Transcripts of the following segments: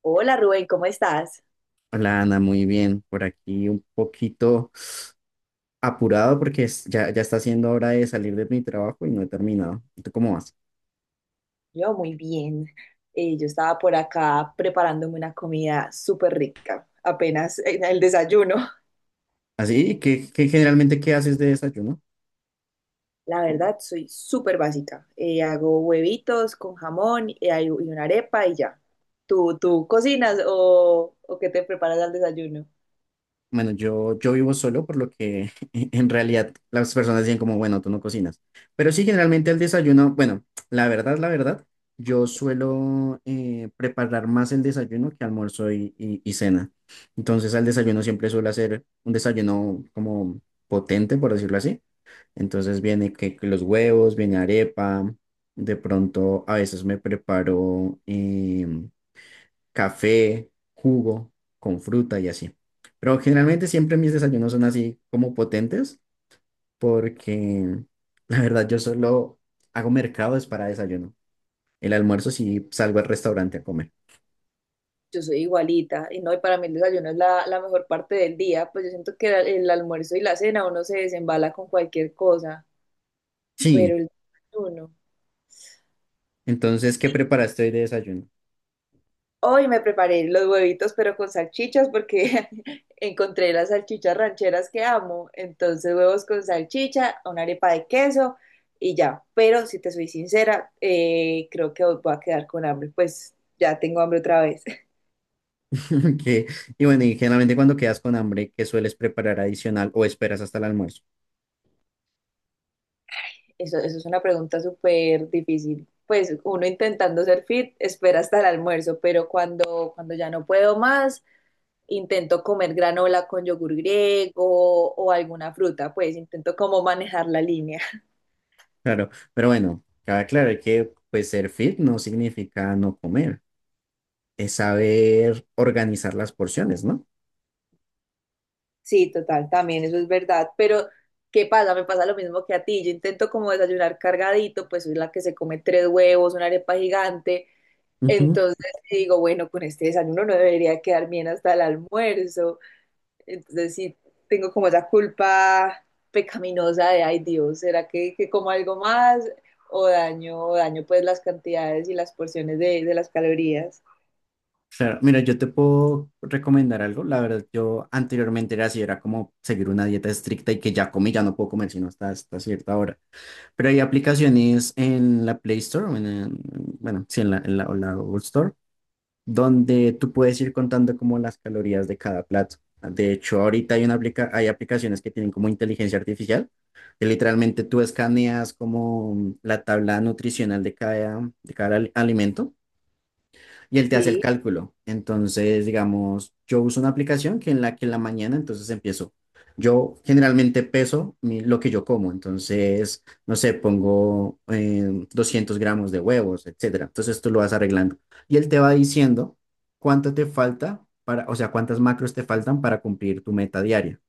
Hola Rubén, ¿cómo estás? Hola Ana, muy bien. Por aquí un poquito apurado ya está siendo hora de salir de mi trabajo y no he terminado. ¿Tú cómo vas? Yo muy bien. Yo estaba por acá preparándome una comida súper rica, apenas en el desayuno. Así, ¿qué generalmente qué haces de desayuno? La verdad, soy súper básica. Hago huevitos con jamón y una arepa y ya. ¿Tú cocinas o qué te preparas al desayuno? Bueno, yo vivo solo, por lo que en realidad las personas dicen como, bueno, tú no cocinas. Pero sí, generalmente el desayuno, bueno, la verdad, yo suelo preparar más el desayuno que almuerzo y cena. Entonces al desayuno siempre suelo hacer un desayuno como potente, por decirlo así. Entonces viene que los huevos, viene arepa, de pronto a veces me preparo café, jugo con fruta y así. Pero generalmente siempre mis desayunos son así como potentes porque la verdad yo solo hago mercados para desayuno. El almuerzo sí salgo al restaurante a comer. Yo soy igualita y no, y para mí el desayuno es la mejor parte del día, pues yo siento que el almuerzo y la cena uno se desembala con cualquier cosa, Sí, pero el desayuno. entonces, ¿qué preparaste hoy de desayuno? Hoy me preparé los huevitos, pero con salchichas, porque encontré las salchichas rancheras que amo. Entonces, huevos con salchicha, una arepa de queso y ya. Pero si te soy sincera, creo que hoy voy a quedar con hambre. Pues ya tengo hambre otra vez. Que. Y bueno, y generalmente cuando quedas con hambre, ¿qué sueles preparar adicional o esperas hasta el almuerzo? Eso es una pregunta súper difícil. Pues uno intentando ser fit, espera hasta el almuerzo, pero cuando ya no puedo más, intento comer granola con yogur griego o alguna fruta, pues intento como manejar la línea. Claro, pero bueno, cabe aclarar que pues ser fit no significa no comer, es saber organizar las porciones, ¿no? Sí, total, también eso es verdad. Pero, ¿qué pasa? Me pasa lo mismo que a ti. Yo intento como desayunar cargadito, pues soy la que se come tres huevos, una arepa gigante. Ujú. Entonces digo, bueno, con este desayuno no debería quedar bien hasta el almuerzo. Entonces sí, tengo como esa culpa pecaminosa de, ay Dios, ¿será que, como algo más? O daño pues las cantidades y las porciones de las calorías. Claro, mira, yo te puedo recomendar algo. La verdad, yo anteriormente era así, era como seguir una dieta estricta y que ya comí, ya no puedo comer sino hasta, hasta cierta hora. Pero hay aplicaciones en la Play Store, bueno, sí, en la o la Google Store, donde tú puedes ir contando como las calorías de cada plato. De hecho, ahorita hay aplicaciones que tienen como inteligencia artificial, que literalmente tú escaneas como la tabla nutricional de cada, alimento y él te hace el Sí, cálculo. Entonces, digamos, yo uso una aplicación que en la mañana, entonces empiezo. Yo generalmente lo que yo como, entonces, no sé, pongo 200 gramos de huevos, etcétera. Entonces tú lo vas arreglando. Y él te va diciendo cuánto te falta para, o sea, cuántas macros te faltan para cumplir tu meta diaria.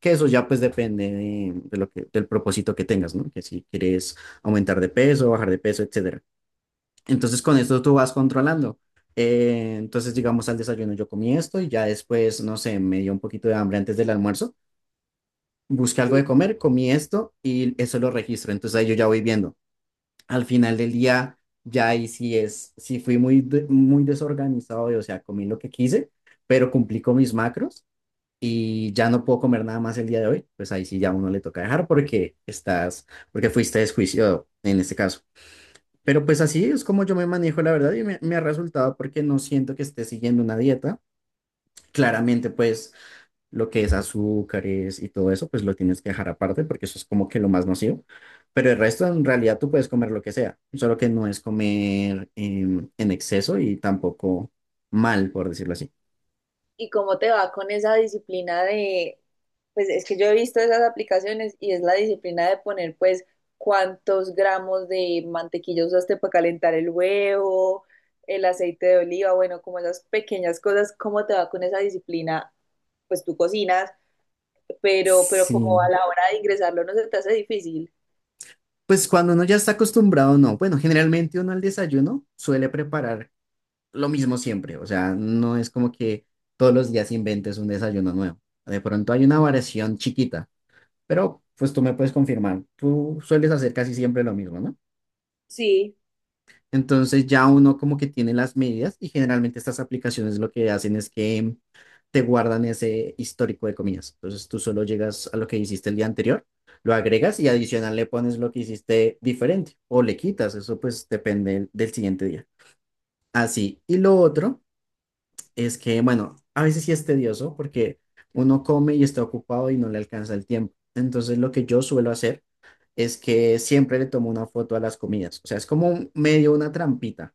Que eso ya pues depende de lo que, del propósito que tengas, ¿no? Que si quieres aumentar de peso, bajar de peso, etcétera. Entonces con esto tú vas controlando. Entonces, digamos, al desayuno yo comí esto y ya después, no sé, me dio un poquito de hambre antes del almuerzo. Busqué algo sí. de comer, comí esto y eso lo registro. Entonces ahí yo ya voy viendo. Al final del día, ya ahí sí fui muy desorganizado, y, o sea, comí lo que quise, pero cumplí con mis macros y ya no puedo comer nada más el día de hoy. Pues ahí sí ya a uno le toca dejar porque estás, porque fuiste desjuiciado en este caso. Pero pues así es como yo me manejo, la verdad, y me ha resultado porque no siento que esté siguiendo una dieta. Claramente, pues lo que es azúcares y todo eso, pues lo tienes que dejar aparte porque eso es como que lo más nocivo. Pero el resto, en realidad, tú puedes comer lo que sea, solo que no es comer en exceso y tampoco mal, por decirlo así. ¿Y cómo te va con esa disciplina de, pues es que yo he visto esas aplicaciones y es la disciplina de poner pues cuántos gramos de mantequilla usaste para calentar el huevo, el aceite de oliva, bueno, como esas pequeñas cosas, ¿cómo te va con esa disciplina? Pues tú cocinas, pero como a Sí. la hora de ingresarlo no se te hace difícil. Pues cuando uno ya está acostumbrado, no. Bueno, generalmente uno al desayuno suele preparar lo mismo siempre, o sea, no es como que todos los días inventes un desayuno nuevo. De pronto hay una variación chiquita, pero pues tú me puedes confirmar, tú sueles hacer casi siempre lo mismo, ¿no? Sí, Entonces ya uno como que tiene las medidas y generalmente estas aplicaciones lo que hacen es que te guardan ese histórico de comidas. Entonces tú solo llegas a lo que hiciste el día anterior, lo agregas y adicional le pones lo que hiciste diferente o le quitas, eso pues depende del siguiente día. Así. Y lo otro es que, bueno, a veces sí es tedioso porque uno come y está ocupado y no le alcanza el tiempo. Entonces, lo que yo suelo hacer es que siempre le tomo una foto a las comidas. O sea, es como medio una trampita,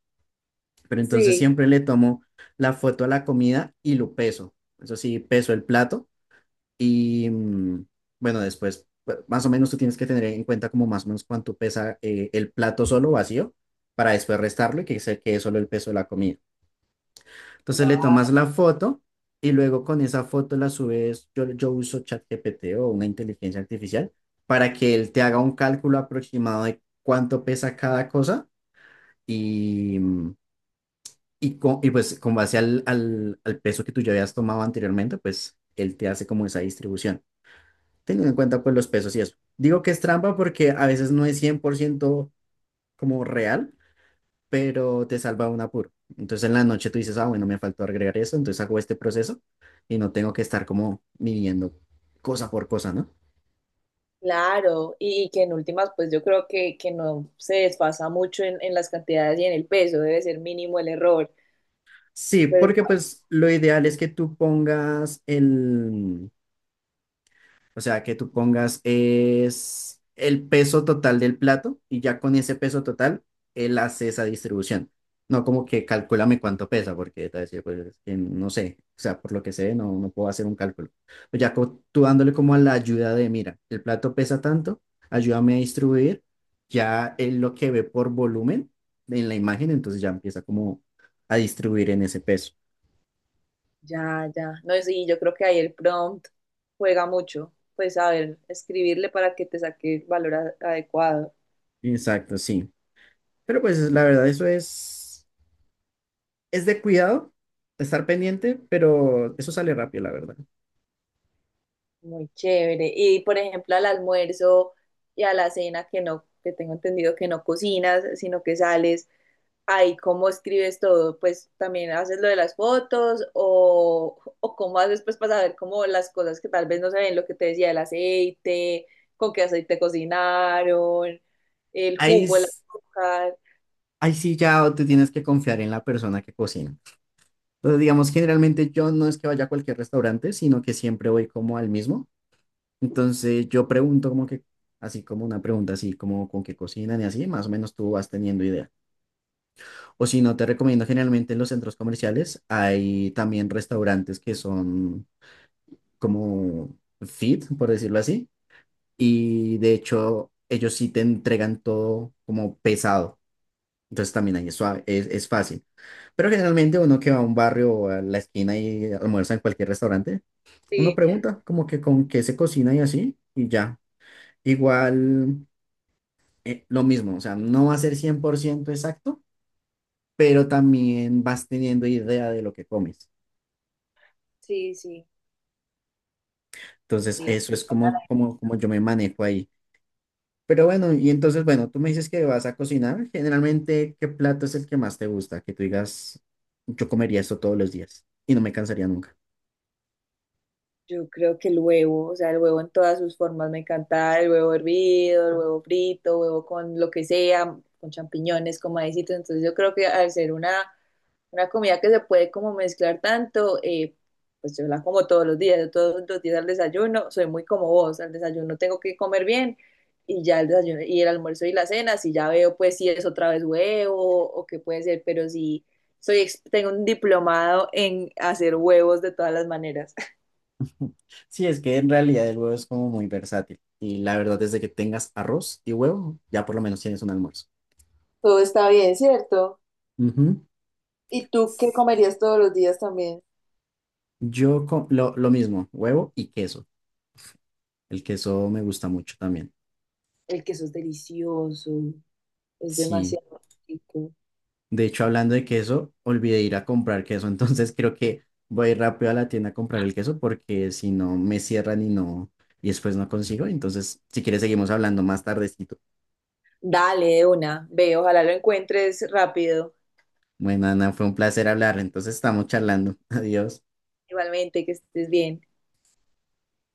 pero entonces sí. siempre le tomo la foto a la comida y lo peso. Eso sí, peso el plato y, bueno, después, pues, más o menos tú tienes que tener en cuenta como más o menos cuánto pesa el plato solo vacío para después restarlo y que se quede solo el peso de la comida. Entonces le Wow. tomas la foto y luego con esa foto la subes. Yo uso ChatGPT o una inteligencia artificial para que él te haga un cálculo aproximado de cuánto pesa cada cosa y, y pues con base al peso que tú ya habías tomado anteriormente, pues él te hace como esa distribución, teniendo en cuenta pues los pesos y eso. Digo que es trampa porque a veces no es 100% como real, pero te salva un apuro. Entonces en la noche tú dices, ah, bueno, me faltó agregar eso, entonces hago este proceso y no tengo que estar como midiendo cosa por cosa, ¿no? Claro, y que en últimas, pues yo creo que no se desfasa mucho en las cantidades y en el peso, debe ser mínimo el error. Sí, Pero porque pues lo ideal es que tú pongas el. O sea, que tú pongas es el peso total del plato y ya con ese peso total, él hace esa distribución. No como que calcúlame cuánto pesa, porque te va a decir, pues, es que no sé. O sea, por lo que sé, no, no puedo hacer un cálculo. Tú dándole como a la ayuda de, mira, el plato pesa tanto, ayúdame a distribuir. Ya él lo que ve por volumen en la imagen, entonces ya empieza como a distribuir en ese peso. ya, ya, no, sí, yo creo que ahí el prompt juega mucho, pues a ver, escribirle para que te saque el valor adecuado. Exacto, sí. Pero pues la verdad, eso es. Es de cuidado, estar pendiente, pero eso sale rápido, la verdad. Muy chévere. Y por ejemplo, al almuerzo y a la cena que no, que tengo entendido que no cocinas, sino que sales, ay, ¿cómo escribes todo? Pues también haces lo de las fotos o cómo haces pues para saber cómo las cosas que tal vez no se ven, lo que te decía, el aceite, con qué aceite cocinaron, el Ahí, jugo, el s- azúcar. ahí sí ya te tienes que confiar en la persona que cocina. Entonces, digamos, generalmente yo no es que vaya a cualquier restaurante, sino que siempre voy como al mismo. Entonces, yo pregunto como que, así como una pregunta, así como con qué cocinan y así, más o menos tú vas teniendo idea. O si no, te recomiendo generalmente en los centros comerciales hay también restaurantes que son como fit, por decirlo así, y de hecho ellos sí te entregan todo como pesado. Entonces también ahí es fácil. Pero generalmente uno que va a un barrio o a la esquina y almuerza en cualquier restaurante, uno Sí, pregunta como que con qué se cocina y así y ya. Igual lo mismo, o sea, no va a ser 100% exacto, pero también vas teniendo idea de lo que comes. sí, sí. Entonces Sí. eso es como yo me manejo ahí. Pero bueno, y entonces, bueno, tú me dices que vas a cocinar. Generalmente, ¿qué plato es el que más te gusta? Que tú digas, yo comería esto todos los días y no me cansaría nunca. Yo creo que el huevo, o sea, el huevo en todas sus formas me encanta, el huevo hervido, el huevo frito, huevo con lo que sea, con champiñones, con maicitos. Entonces yo creo que al ser una comida que se puede como mezclar tanto, pues yo la como todos los días, yo todos los días al desayuno, soy muy como vos, al desayuno tengo que comer bien y ya el desayuno y el almuerzo y la cena, si ya veo pues si es otra vez huevo o qué puede ser, pero si soy, tengo un diplomado en hacer huevos de todas las maneras. Sí, es que en realidad el huevo es como muy versátil. Y la verdad es de que tengas arroz y huevo, ya por lo menos tienes un almuerzo. Todo está bien, ¿cierto? Ujú. ¿Y tú qué comerías todos los días también? Yo lo mismo, huevo y queso. El queso me gusta mucho también. El queso es delicioso, es Sí. demasiado rico. De hecho, hablando de queso, olvidé ir a comprar queso, entonces creo que voy a ir rápido a la tienda a comprar el queso porque si no me cierran y no, y después no consigo. Entonces, si quieres, seguimos hablando más tardecito. Dale, de una, ve, ojalá lo encuentres rápido. Bueno, Ana, fue un placer hablar, entonces estamos charlando. Adiós. Igualmente, que estés bien.